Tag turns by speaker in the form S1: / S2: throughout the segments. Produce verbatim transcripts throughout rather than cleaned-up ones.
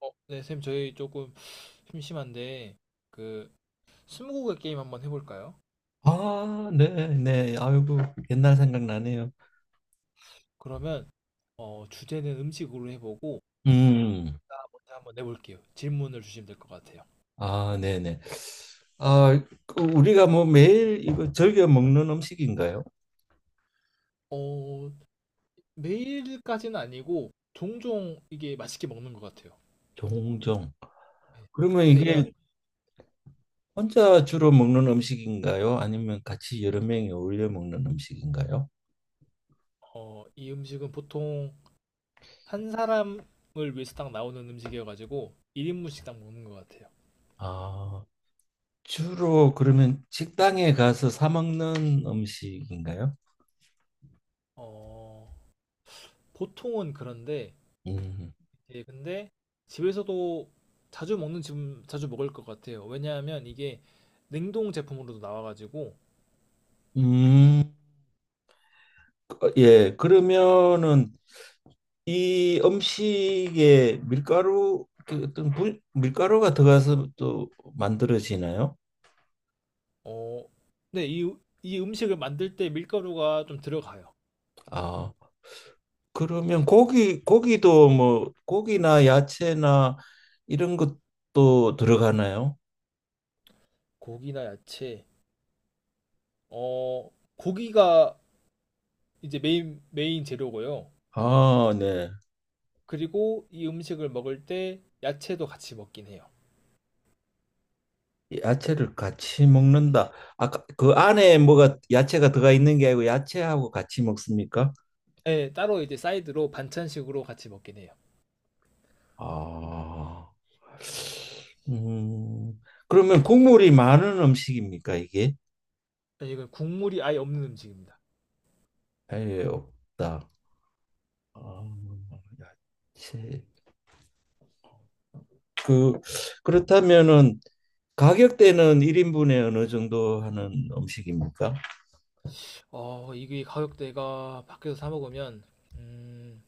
S1: 어, 네, 쌤, 저희 조금 심심한데, 그, 스무고개 게임 한번 해볼까요?
S2: 아, 네, 네. 아이고, 옛날 생각나네요.
S1: 그러면, 어, 주제는 음식으로 해보고,
S2: 음,
S1: 문제 한번 내볼게요. 질문을 주시면 될 것 같아요.
S2: 아, 네, 네. 아, 그 우리가 뭐 매일 이거 즐겨 먹는 음식인가요?
S1: 어, 매일까지는 아니고, 종종 이게 맛있게 먹는 것 같아요.
S2: 종종.
S1: 네.
S2: 그러면
S1: 근데 이거는,
S2: 이게 혼자 주로 먹는 음식인가요? 아니면 같이 여러 명이 어울려 먹는 음식인가요?
S1: 어, 이 음식은 보통 한 사람을 위해서 딱 나오는 음식이어가지고, 일 인분씩 딱 먹는 것 같아요.
S2: 아, 주로 그러면 식당에 가서 사 먹는 음식인가요?
S1: 어, 보통은 그런데,
S2: 음.
S1: 예, 근데 집에서도 자주 먹는 지금 자주 먹을 것 같아요. 왜냐하면 이게 냉동 제품으로도 나와가지고
S2: 음. 어, 예. 그러면은 이 음식에 밀가루 그 어떤 분, 밀가루가 들어가서 또 만들어지나요?
S1: 어, 네, 이, 이 음식을 만들 때 밀가루가 좀 들어가요.
S2: 아, 그러면 고기 고기도 뭐 고기나 야채나 이런 것도 들어가나요?
S1: 고기나 야채, 어, 고기가 이제 메인 메인 재료고요.
S2: 아, 네.
S1: 그리고 이 음식을 먹을 때 야채도 같이 먹긴 해요.
S2: 야채를 같이 먹는다. 아까 그 안에 뭐가 야채가 들어가 있는 게 아니고 야채하고 같이 먹습니까?
S1: 네, 따로 이제 사이드로 반찬식으로 같이 먹긴 해요.
S2: 아. 음. 그러면 국물이 많은 음식입니까, 이게?
S1: 네, 이건 국물이 아예 없는 음식입니다.
S2: 아예 없다. 아, 야, 채 그 그렇다면은 가격대는 일 인분에 어느 정도 하는 음식입니까?
S1: 어, 이게 가격대가 밖에서 사 먹으면 음,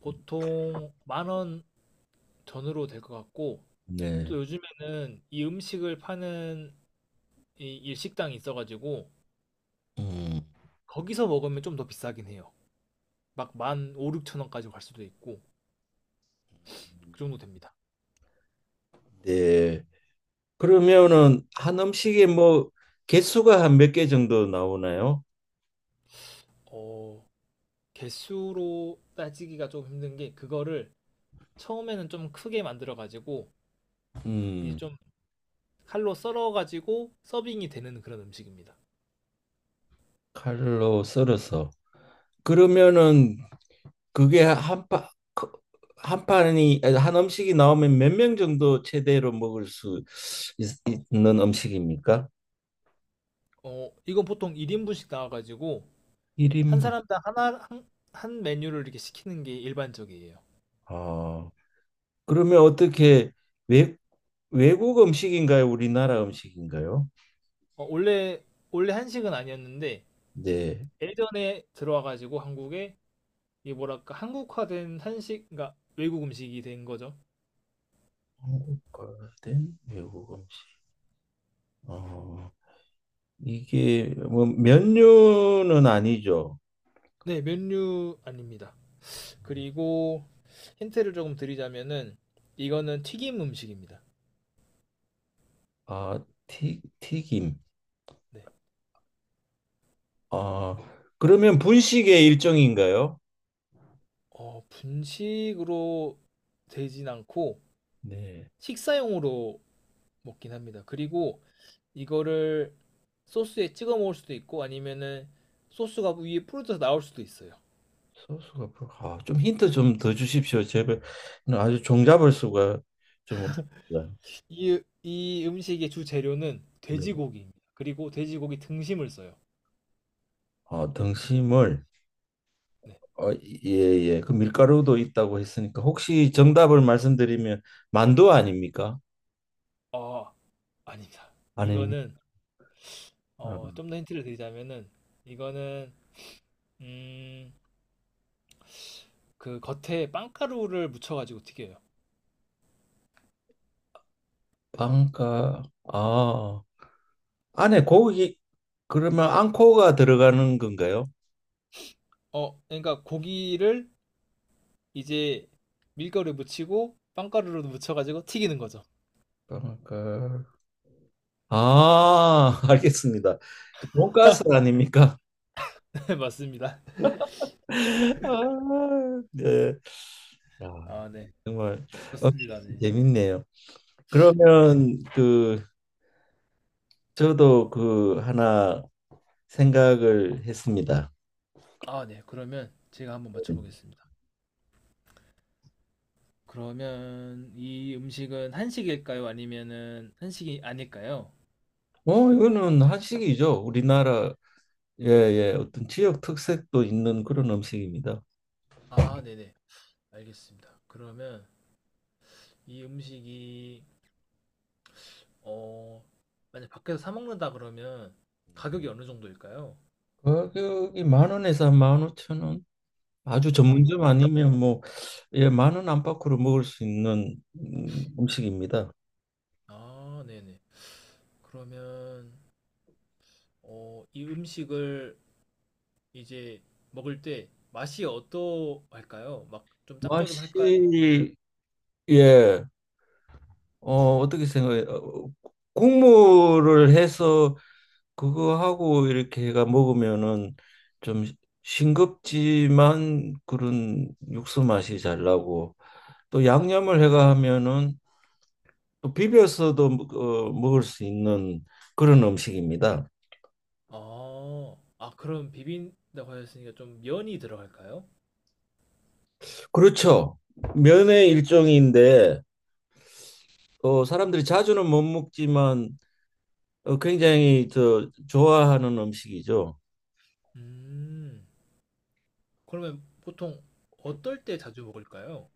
S1: 보통 만 원 전으로 될 것 같고, 또
S2: 네.
S1: 요즘에는 이 음식을 파는 이 일식당이 있어가지고
S2: 음.
S1: 거기서 먹으면 좀 더 비싸긴 해요. 막 만 오 육천 원까지 갈 수도 있고 그 정도 됩니다.
S2: 네. 그러면은 한 음식에 뭐 개수가 한 몇 개 정도 나오나요?
S1: 어, 개수로 따지기가 좀 힘든 게, 그거를 처음에는 좀 크게 만들어가지고 이제
S2: 음.
S1: 좀 칼로 썰어가지고 서빙이 되는 그런 음식입니다.
S2: 칼로 썰어서. 그러면은 그게 한 파, 그- 한 판이 아니, 한 음식이 나오면 몇 명 정도 최대로 먹을 수 있, 있는 음식입니까?
S1: 어, 이건 보통 일 인분씩 나와가지고 한
S2: 일 인분.
S1: 사람당 하나 한, 한 메뉴를 이렇게 시키는 게 일반적이에요.
S2: 아. 그러면 어떻게 외, 외국 음식인가요? 우리나라 음식인가요?
S1: 어, 원래 원래 한식은 아니었는데
S2: 네.
S1: 예전에 들어와가지고 한국에 이게 뭐랄까 한국화된 한식, 그러니까 외국 음식이 된 거죠.
S2: 한국화된 외국 음식. 어, 이게 뭐 면류는 아니죠.
S1: 네, 면류 아닙니다. 그리고 힌트를 조금 드리자면은 이거는 튀김 음식입니다.
S2: 아, 튀, 튀김.
S1: 네,
S2: 아, 그러면 분식의 일종인가요?
S1: 어, 분식으로 되진 않고
S2: 네.
S1: 식사용으로 먹긴 합니다. 그리고 이거를 소스에 찍어 먹을 수도 있고 아니면은 소스가 위에 뿌려져서 나올 수도 있어요.
S2: 소스가 불- 아, 좀 힌트 좀 더 주십시오. 제발. 아주 종잡을 수가 좀 없어요.
S1: 이, 이 음식의 주 재료는
S2: 네.
S1: 돼지고기입니다. 그리고 돼지고기 등심을 써요.
S2: 어, 등심을
S1: 네.
S2: 어, 예, 예. 그 밀가루도 있다고 했으니까 혹시 정답을 말씀드리면 만두 아닙니까?
S1: 어, 아닙니다.
S2: 아닙니까?
S1: 이거는 어, 좀 더 힌트를 드리자면은, 이거는 음, 그 겉에 빵가루를 묻혀가지고 튀겨요.
S2: 빵가 아, 안에 고기, 그러면 앙코가 들어가는 건가요?
S1: 어, 그러니까 고기를 이제 밀가루에 묻히고 빵가루로 묻혀가지고 튀기는 거죠.
S2: 빵가 아, 알겠습니다. 그 돈가스 아닙니까?
S1: 네, 맞습니다.
S2: 아, 네. 아,
S1: 아, 네.
S2: 정말 어,
S1: 그렇습니다. 네.
S2: 재밌네요.
S1: 네.
S2: 그러면 그 저도 그 하나 생각을 했습니다.
S1: 아, 네. 그러면 제가 한번 맞춰보겠습니다. 그러면 이 음식은 한식일까요? 아니면은 한식이 아닐까요?
S2: 어, 이거는 한식이죠. 우리나라의 예, 어떤 지역 특색도 있는 그런 음식입니다.
S1: 아, 네네. 알겠습니다. 그러면 이 음식이 어 만약 밖에서 사 먹는다 그러면 가격이 어느 정도일까요?
S2: 가격이 만 원에서 만 오천 원. 아주
S1: 아, 만
S2: 전문점
S1: 원.
S2: 아니면 뭐, 예, 만 원 안팎으로 먹을 수 있는 음, 음식입니다.
S1: 아, 네네. 그러면 어 이 음식을 이제 먹을 때 맛이 어떠할까요? 막 좀
S2: 맛이,
S1: 짭조름할까요? 아니면
S2: 예, 어, 어떻게 생각해요? 어, 국물을 해서 그거하고 이렇게 해가 먹으면은 좀 싱겁지만 그런 육수 맛이 잘 나고 또 양념을 해가 하면은 또 비벼서도 뭐, 어, 먹을 수 있는 그런 음식입니다.
S1: 아, 아, 그럼 비빈다고 하셨으니까 좀 면이 들어갈까요?
S2: 그렇죠. 면의 일종인데 어, 사람들이 자주는 못 먹지만 어, 굉장히 저 좋아하는 음식이죠.
S1: 음, 그러면 보통 어떨 때 자주 먹을까요?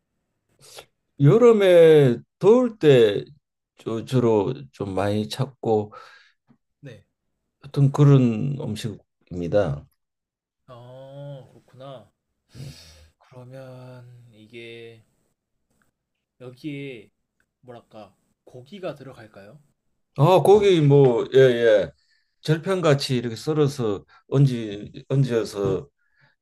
S2: 여름에 더울 때 주- 주로 좀 많이 찾고
S1: 네.
S2: 어떤 그런 음식입니다.
S1: 아, 그렇구나. 그러면 이게 여기에 뭐랄까 고기가 들어갈까요?
S2: 아, 고기 뭐 예, 예. 절편같이 이렇게 썰어서 얹지 얹어서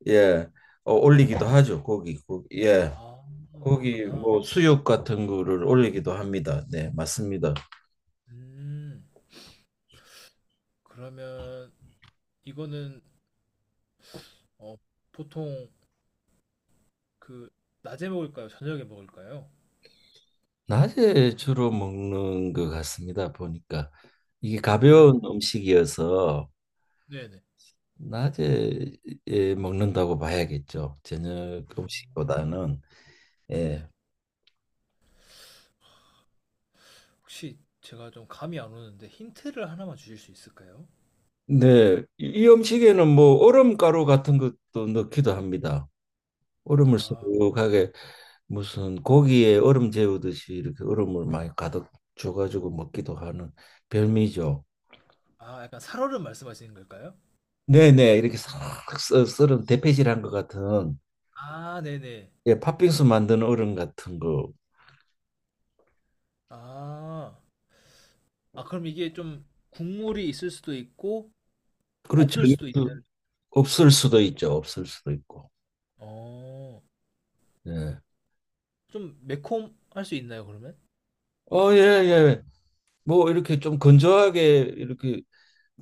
S2: 예, 어, 올리기도 하죠. 고기, 고기, 예,
S1: 아,
S2: 고기
S1: 그렇구나.
S2: 뭐 수육 같은 거를 올리기도 합니다. 네, 맞습니다.
S1: 음, 그러면 이거는 어, 보통 그 낮에 먹을까요? 저녁에 먹을까요?
S2: 낮에 주로 먹는 것 같습니다. 보니까 이게
S1: 음,
S2: 가벼운 음식이어서
S1: 네네.
S2: 낮에 예, 먹는다고 봐야겠죠. 저녁
S1: 음,
S2: 음식보다는
S1: 네.
S2: 예.
S1: 혹시 제가 좀 감이 안 오는데 힌트를 하나만 주실 수 있을까요?
S2: 네, 이, 이 음식에는 뭐 얼음가루 같은 것도 넣기도 합니다. 얼음을 수
S1: 아,
S2: 하게 무슨 고기에 얼음 재우듯이 이렇게 얼음을 많이 가득 줘가지고 먹기도 하는 별미죠.
S1: 아, 약간 살얼음 말씀하시는 걸까요?
S2: 네네 이렇게 싹 썰- 썰은 대패질한 것 같은
S1: 아, 네네.
S2: 예 팥빙수 만드는 얼음 같은 거
S1: 아, 아, 그럼 이게 좀 국물이 있을 수도 있고,
S2: 그렇죠.
S1: 없을 수도 있는,
S2: 그 없을 수도 있죠. 없을 수도 있고.
S1: 어,
S2: 예.
S1: 좀 매콤할 수 있나요, 그러면?
S2: 어, 예, 예. 뭐 이렇게 좀 건조하게 이렇게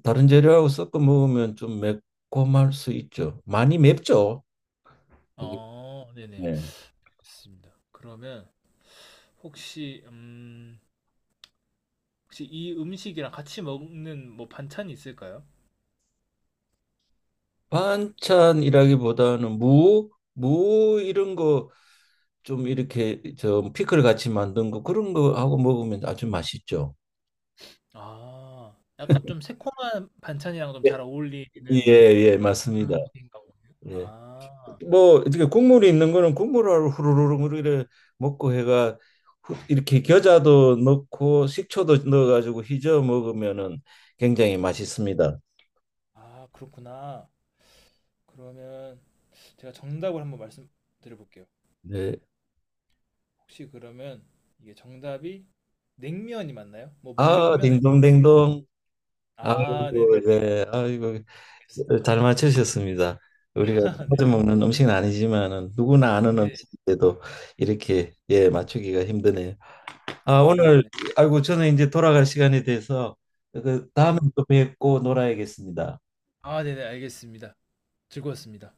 S2: 다른 재료하고 섞어 먹으면 좀 매콤할 수 있죠. 많이 맵죠. 이게.
S1: 어, 네네.
S2: 예.
S1: 알겠습니다. 그러면 혹시, 음, 혹시 이 음식이랑 같이 먹는 뭐 반찬이 있을까요?
S2: 반찬이라기보다는 무, 무 이런 거 좀 이렇게 저 피클 같이 만든 거 그런 거 하고 먹으면 아주 맛있죠.
S1: 아, 약간 좀 새콤한 반찬이랑 좀 잘
S2: 예. 예,
S1: 어울리는
S2: 예,
S1: 그런
S2: 맞습니다.
S1: 음식인가 보네요.
S2: 예.
S1: 아,
S2: 뭐 이렇게 국물이 있는 거는 국물을 후루룩 뭐 이렇게 먹고 해가 후- 이렇게 겨자도 넣고 식초도 넣어가지고 휘저어 먹으면은 굉장히 맛있습니다.
S1: 아, 그렇구나. 그러면 제가 정답을 한번 말씀드려 볼게요.
S2: 네.
S1: 혹시 그러면 이게 정답이 냉면이 맞나요? 뭐
S2: 아,
S1: 물냉면? 아니면 비빔면?
S2: 딩동댕동.
S1: 아, 네,
S2: 아이고, 네, 아이고,
S1: 알겠습니다.
S2: 잘 맞추셨습니다. 우리가
S1: 네,
S2: 자주 먹는 음식은 아니지만은 누구나 아는
S1: 네.
S2: 음식인데도 이렇게 예 맞추기가 힘드네요. 아
S1: 아,
S2: 오늘
S1: 그렇네.
S2: 아이고 저는 이제 돌아갈 시간이 돼서 그 다음에
S1: 네.
S2: 또 뵙고 놀아야겠습니다.
S1: 아, 네, 네, 알겠습니다. 즐거웠습니다.